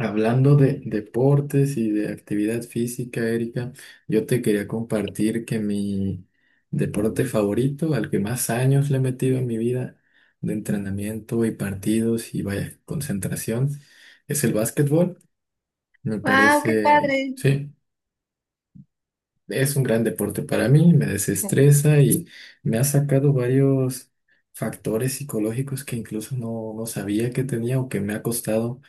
Hablando de deportes y de actividad física, Erika, yo te quería compartir que mi deporte favorito, al que más años le he metido en mi vida de entrenamiento y partidos y vaya concentración, es el básquetbol. Me Wow, qué parece, padre. sí, es un gran deporte para mí, me desestresa y me ha sacado varios factores psicológicos que incluso no sabía que tenía o que me ha costado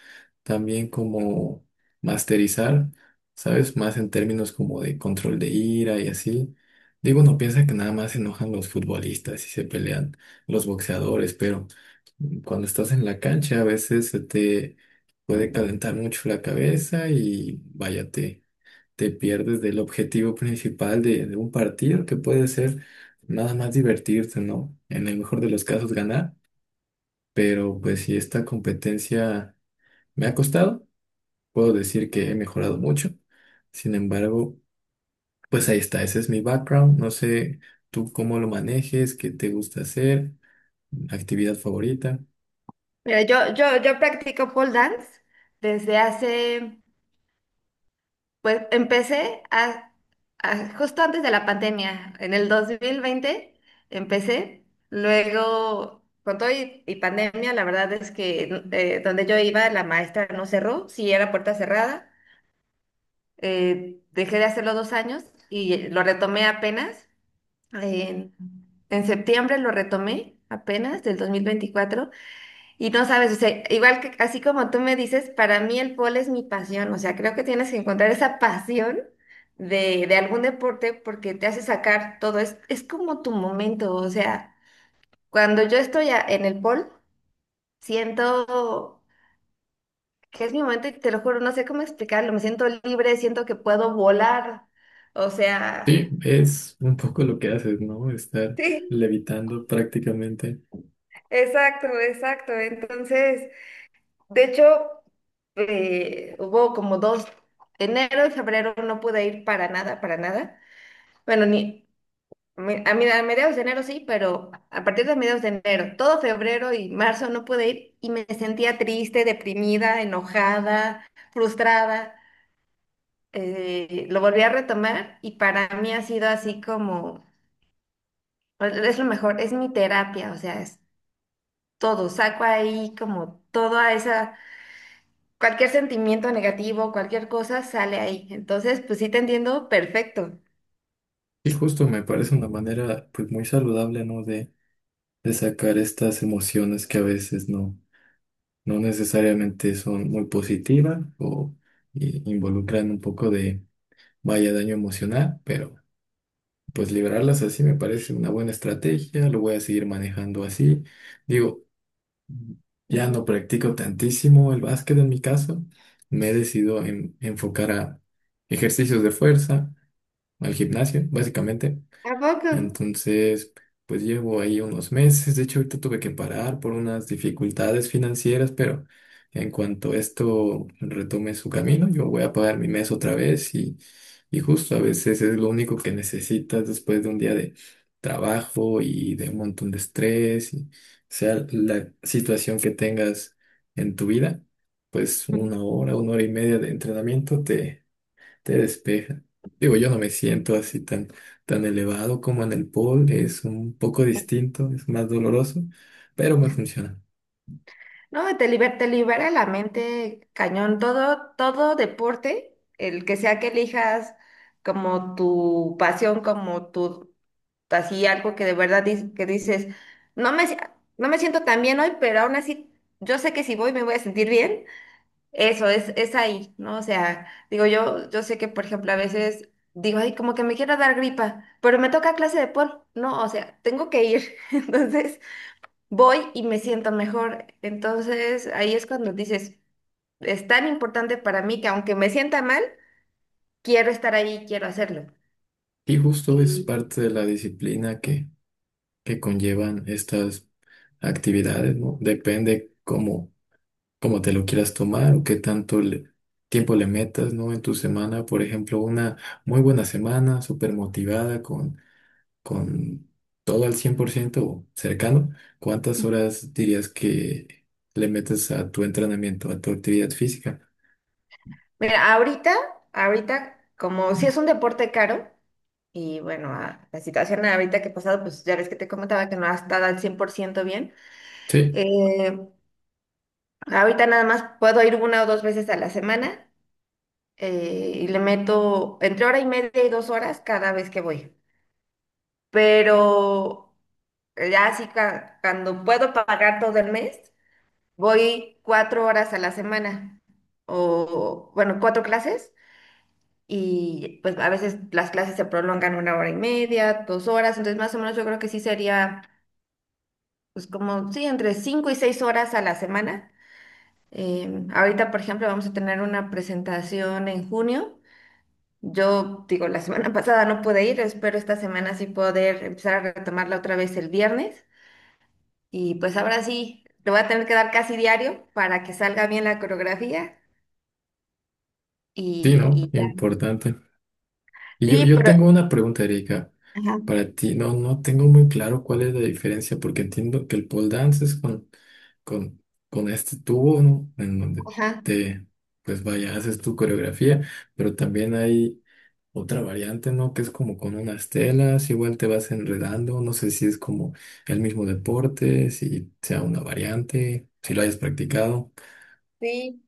también como masterizar, ¿sabes? Más en términos como de control de ira y así. Digo, uno piensa que nada más se enojan los futbolistas y se pelean los boxeadores, pero cuando estás en la cancha a veces se te puede calentar mucho la cabeza y vaya, te pierdes del objetivo principal de un partido que puede ser nada más divertirte, ¿no? En el mejor de los casos ganar, pero pues si esta competencia me ha costado puedo decir que he mejorado mucho. Sin embargo, pues ahí está, ese es mi background. No sé tú cómo lo manejes, qué te gusta hacer, actividad favorita. Mira, yo practico pole dance desde hace, pues empecé justo antes de la pandemia, en el 2020 empecé, luego con todo y pandemia, la verdad es que donde yo iba la maestra no cerró, sí era puerta cerrada, dejé de hacerlo 2 años y lo retomé apenas, en, en septiembre lo retomé apenas del 2024. Y no sabes, o sea, igual que así como tú me dices, para mí el polo es mi pasión, o sea, creo que tienes que encontrar esa pasión de algún deporte porque te hace sacar todo, es como tu momento, o sea, cuando yo estoy en el polo, siento que es mi momento y te lo juro, no sé cómo explicarlo, me siento libre, siento que puedo volar, o Sí, sea, es un poco lo que haces, ¿no? Estar sí, levitando prácticamente. exacto, exacto, entonces. De hecho, hubo como dos, enero y febrero no pude ir para nada, para nada. Bueno, ni a mediados de enero sí, pero a partir de mediados de enero, todo febrero y marzo no pude ir y me sentía triste, deprimida, enojada, frustrada. Lo volví a retomar y para mí ha sido así como, es lo mejor, es mi terapia, o sea, es todo, saco ahí como toda esa cualquier sentimiento negativo, cualquier cosa sale ahí. Entonces, pues sí te entiendo perfecto. Y justo me parece una manera pues muy saludable, ¿no? De sacar estas emociones que a veces no necesariamente son muy positivas o involucran un poco de vaya daño emocional, pero... Pues liberarlas así me parece una buena estrategia, lo voy a seguir manejando así. Digo, ya no Ujú. practico tantísimo el básquet en mi caso, me he decidido enfocar a ejercicios de fuerza, al gimnasio, básicamente. ¿A poco? Entonces, pues llevo ahí unos meses. De hecho, ahorita tuve que parar por unas dificultades financieras, pero en cuanto esto retome su camino, yo voy a pagar mi mes otra vez y justo a veces es lo único que necesitas después de un día de trabajo y de un montón de estrés, y sea la situación que tengas en tu vida, pues Ujú. Una hora y media de entrenamiento te despeja. Digo, yo no me siento así tan elevado como en el pole. Es un poco distinto, es más doloroso, pero me funciona. No, te libera la mente cañón. Todo deporte, el que sea que elijas como tu pasión, como tu, así algo que de verdad que dices, no me, si- no me siento tan bien hoy, pero aún así yo sé que si voy me voy a sentir bien. Eso es ahí, ¿no? O sea, digo, yo sé que, por ejemplo, a veces digo, ay, como que me quiero dar gripa, pero me toca clase de pol, ¿no? O sea, tengo que ir. Entonces, voy y me siento mejor. Entonces, ahí es cuando dices, es tan importante para mí que aunque me sienta mal, quiero estar ahí, quiero hacerlo. Y justo es Y parte de la disciplina que conllevan estas actividades, ¿no? Depende cómo te lo quieras tomar o qué tanto tiempo le metas, ¿no? En tu semana, por ejemplo, una muy buena semana, súper motivada con todo al 100% o cercano, ¿cuántas horas dirías que le metes a tu entrenamiento, a tu actividad física? mira, ahorita, como si es un deporte caro, y bueno, la situación ahorita que he pasado, pues ya ves que te comentaba que no ha estado al 100% bien. Sí, eh, Ahorita nada más puedo ir una o dos veces a la semana, y le meto entre hora y media y 2 horas cada vez que voy. Pero ya así cuando puedo pagar todo el mes, voy 4 horas a la semana, o bueno, cuatro clases, y pues a veces las clases se prolongan una hora y media, 2 horas, entonces más o menos yo creo que sí sería pues como, sí, entre 5 y 6 horas a la semana. Ahorita, por ejemplo, vamos a tener una presentación en junio. Yo digo, la semana pasada no pude ir, espero esta semana sí poder empezar a retomarla otra vez el viernes. Y pues ahora sí, te voy a tener que dar casi diario para que salga bien la coreografía. sí, ¿no? Y ya. Importante. Y yo, Sí, yo pero. tengo una pregunta, Erika, Ajá, para ti. No tengo muy claro cuál es la diferencia, porque entiendo que el pole dance es con, con este tubo, ¿no? En donde ajá, te, pues vaya, haces tu coreografía, pero también hay otra variante, ¿no? Que es como con unas telas, igual te vas enredando, no sé si es como el mismo deporte, si sea una variante, si lo hayas practicado, sí.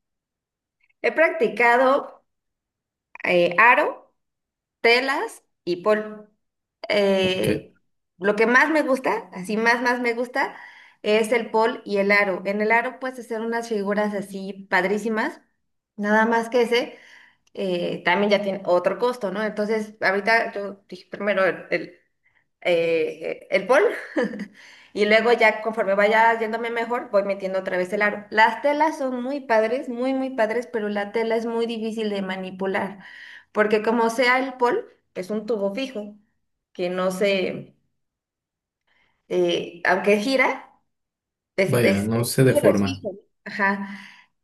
He practicado aro, telas y pol. que eh, lo que más me gusta, así más me gusta, es el pol y el aro. En el aro puedes hacer unas figuras así padrísimas, nada más que ese. También ya tiene otro costo, ¿no? Entonces, ahorita yo dije primero el, el bol. Y luego ya conforme vaya yéndome mejor, voy metiendo otra vez el aro. Las telas son muy padres, muy, muy padres, pero la tela es muy difícil de manipular, porque como sea el pol, es un tubo fijo, que no se, aunque gira, es, vaya, es, no es se duro, es deforma. fijo. Ajá.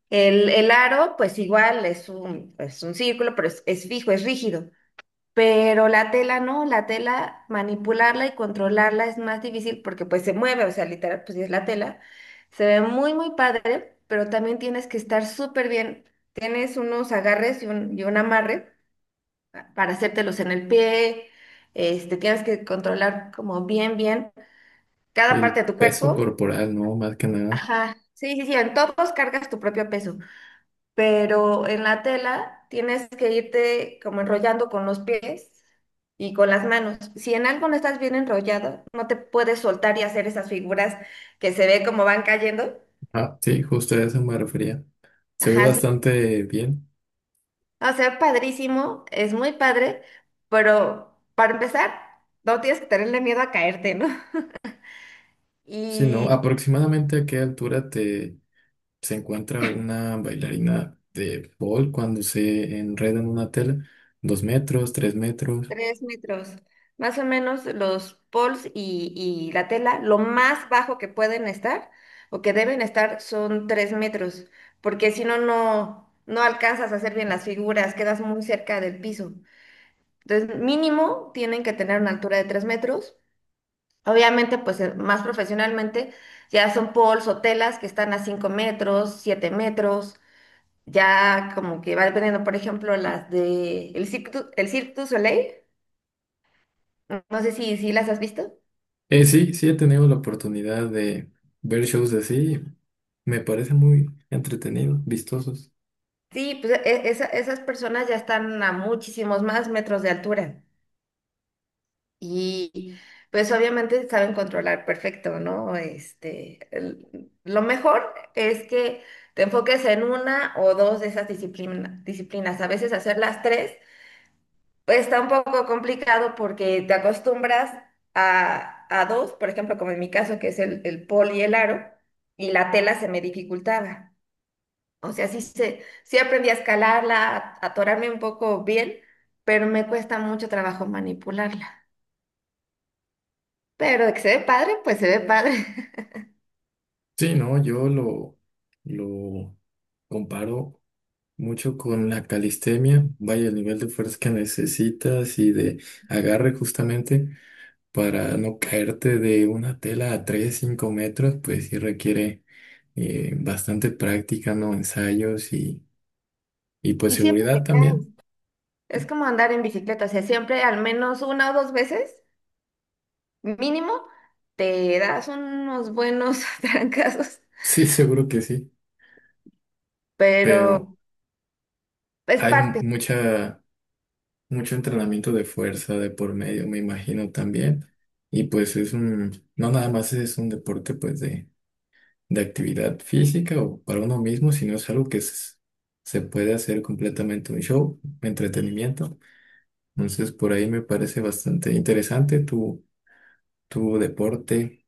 El aro, pues igual, es un círculo, pero es fijo, es rígido. Pero la tela no, la tela manipularla y controlarla es más difícil porque pues se mueve, o sea, literal, pues sí es la tela. Se ve muy, muy padre, pero también tienes que estar súper bien. Tienes unos agarres y un amarre para hacértelos en el pie. Este, tienes que controlar como bien, bien cada parte El de tu peso cuerpo. corporal, ¿no? Más que nada. Ajá, sí, sí, sí, en todos cargas tu propio peso, pero en la tela tienes que irte como enrollando con los pies y con las manos. Si en algo no estás bien enrollado, no te puedes soltar y hacer esas figuras que se ve como van cayendo. Ah, sí, justo a eso me refería. Se ve Ajá, sí. bastante bien. O sea, padrísimo, es muy padre, pero para empezar, no tienes que tenerle miedo a caerte, ¿no? Sí, ¿no? Y ¿Aproximadamente a qué altura te se encuentra una bailarina de pole cuando se enreda en una tela? ¿2 metros, 3 metros? 3 metros. Más o menos los poles y la tela, lo más bajo que pueden estar o que deben estar son 3 metros, porque si no, no alcanzas a hacer bien las figuras, quedas muy cerca del piso. Entonces, mínimo tienen que tener una altura de 3 metros. Obviamente, pues más profesionalmente, ya son poles o telas que están a 5 metros, 7 metros, ya como que va dependiendo, por ejemplo, las de el el Cirque du Soleil, no sé si las has visto. Sí he tenido la oportunidad de ver shows así. Me parece muy entretenido, vistosos. Sí, pues esas personas ya están a muchísimos más metros de altura y pues obviamente saben controlar perfecto, ¿no? Este, el- lo mejor es que te enfoques en una o dos de esas disciplinas. A veces hacer las tres pues está un poco complicado porque te acostumbras a dos, por ejemplo, como en mi caso que es el pol y el aro, y la tela se me dificultaba. O sea, sí, sí aprendí a escalarla, a atorarme un poco bien, pero me cuesta mucho trabajo manipularla. Pero de que se ve padre, pues se ve padre. Sí, no, yo lo comparo mucho con la calistenia. Vaya, el nivel de fuerza que necesitas y de agarre justamente para no caerte de una tela a 3 5 metros, pues sí requiere bastante práctica, ¿no? Ensayos y pues Y siempre seguridad te caes. también. Es como andar en bicicleta, o sea, siempre al menos una o dos veces, mínimo, te das unos buenos trancazos, Sí, seguro que sí, pero pero es hay parte. mucha mucho entrenamiento de fuerza de por medio, me imagino también. Y pues es un, no nada más es un deporte pues de actividad física o para uno mismo, sino es algo que se puede hacer completamente un show, entretenimiento. Entonces por ahí me parece bastante interesante tu deporte,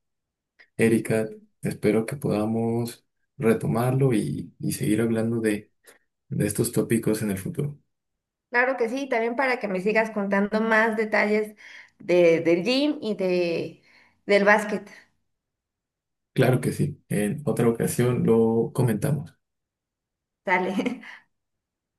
Erika. Sí. Espero que podamos retomarlo y seguir hablando de estos tópicos en el futuro. Claro que sí, también para que me sigas contando más detalles de, del gym y de, del básquet. Claro que sí, en otra ocasión lo comentamos. Sale.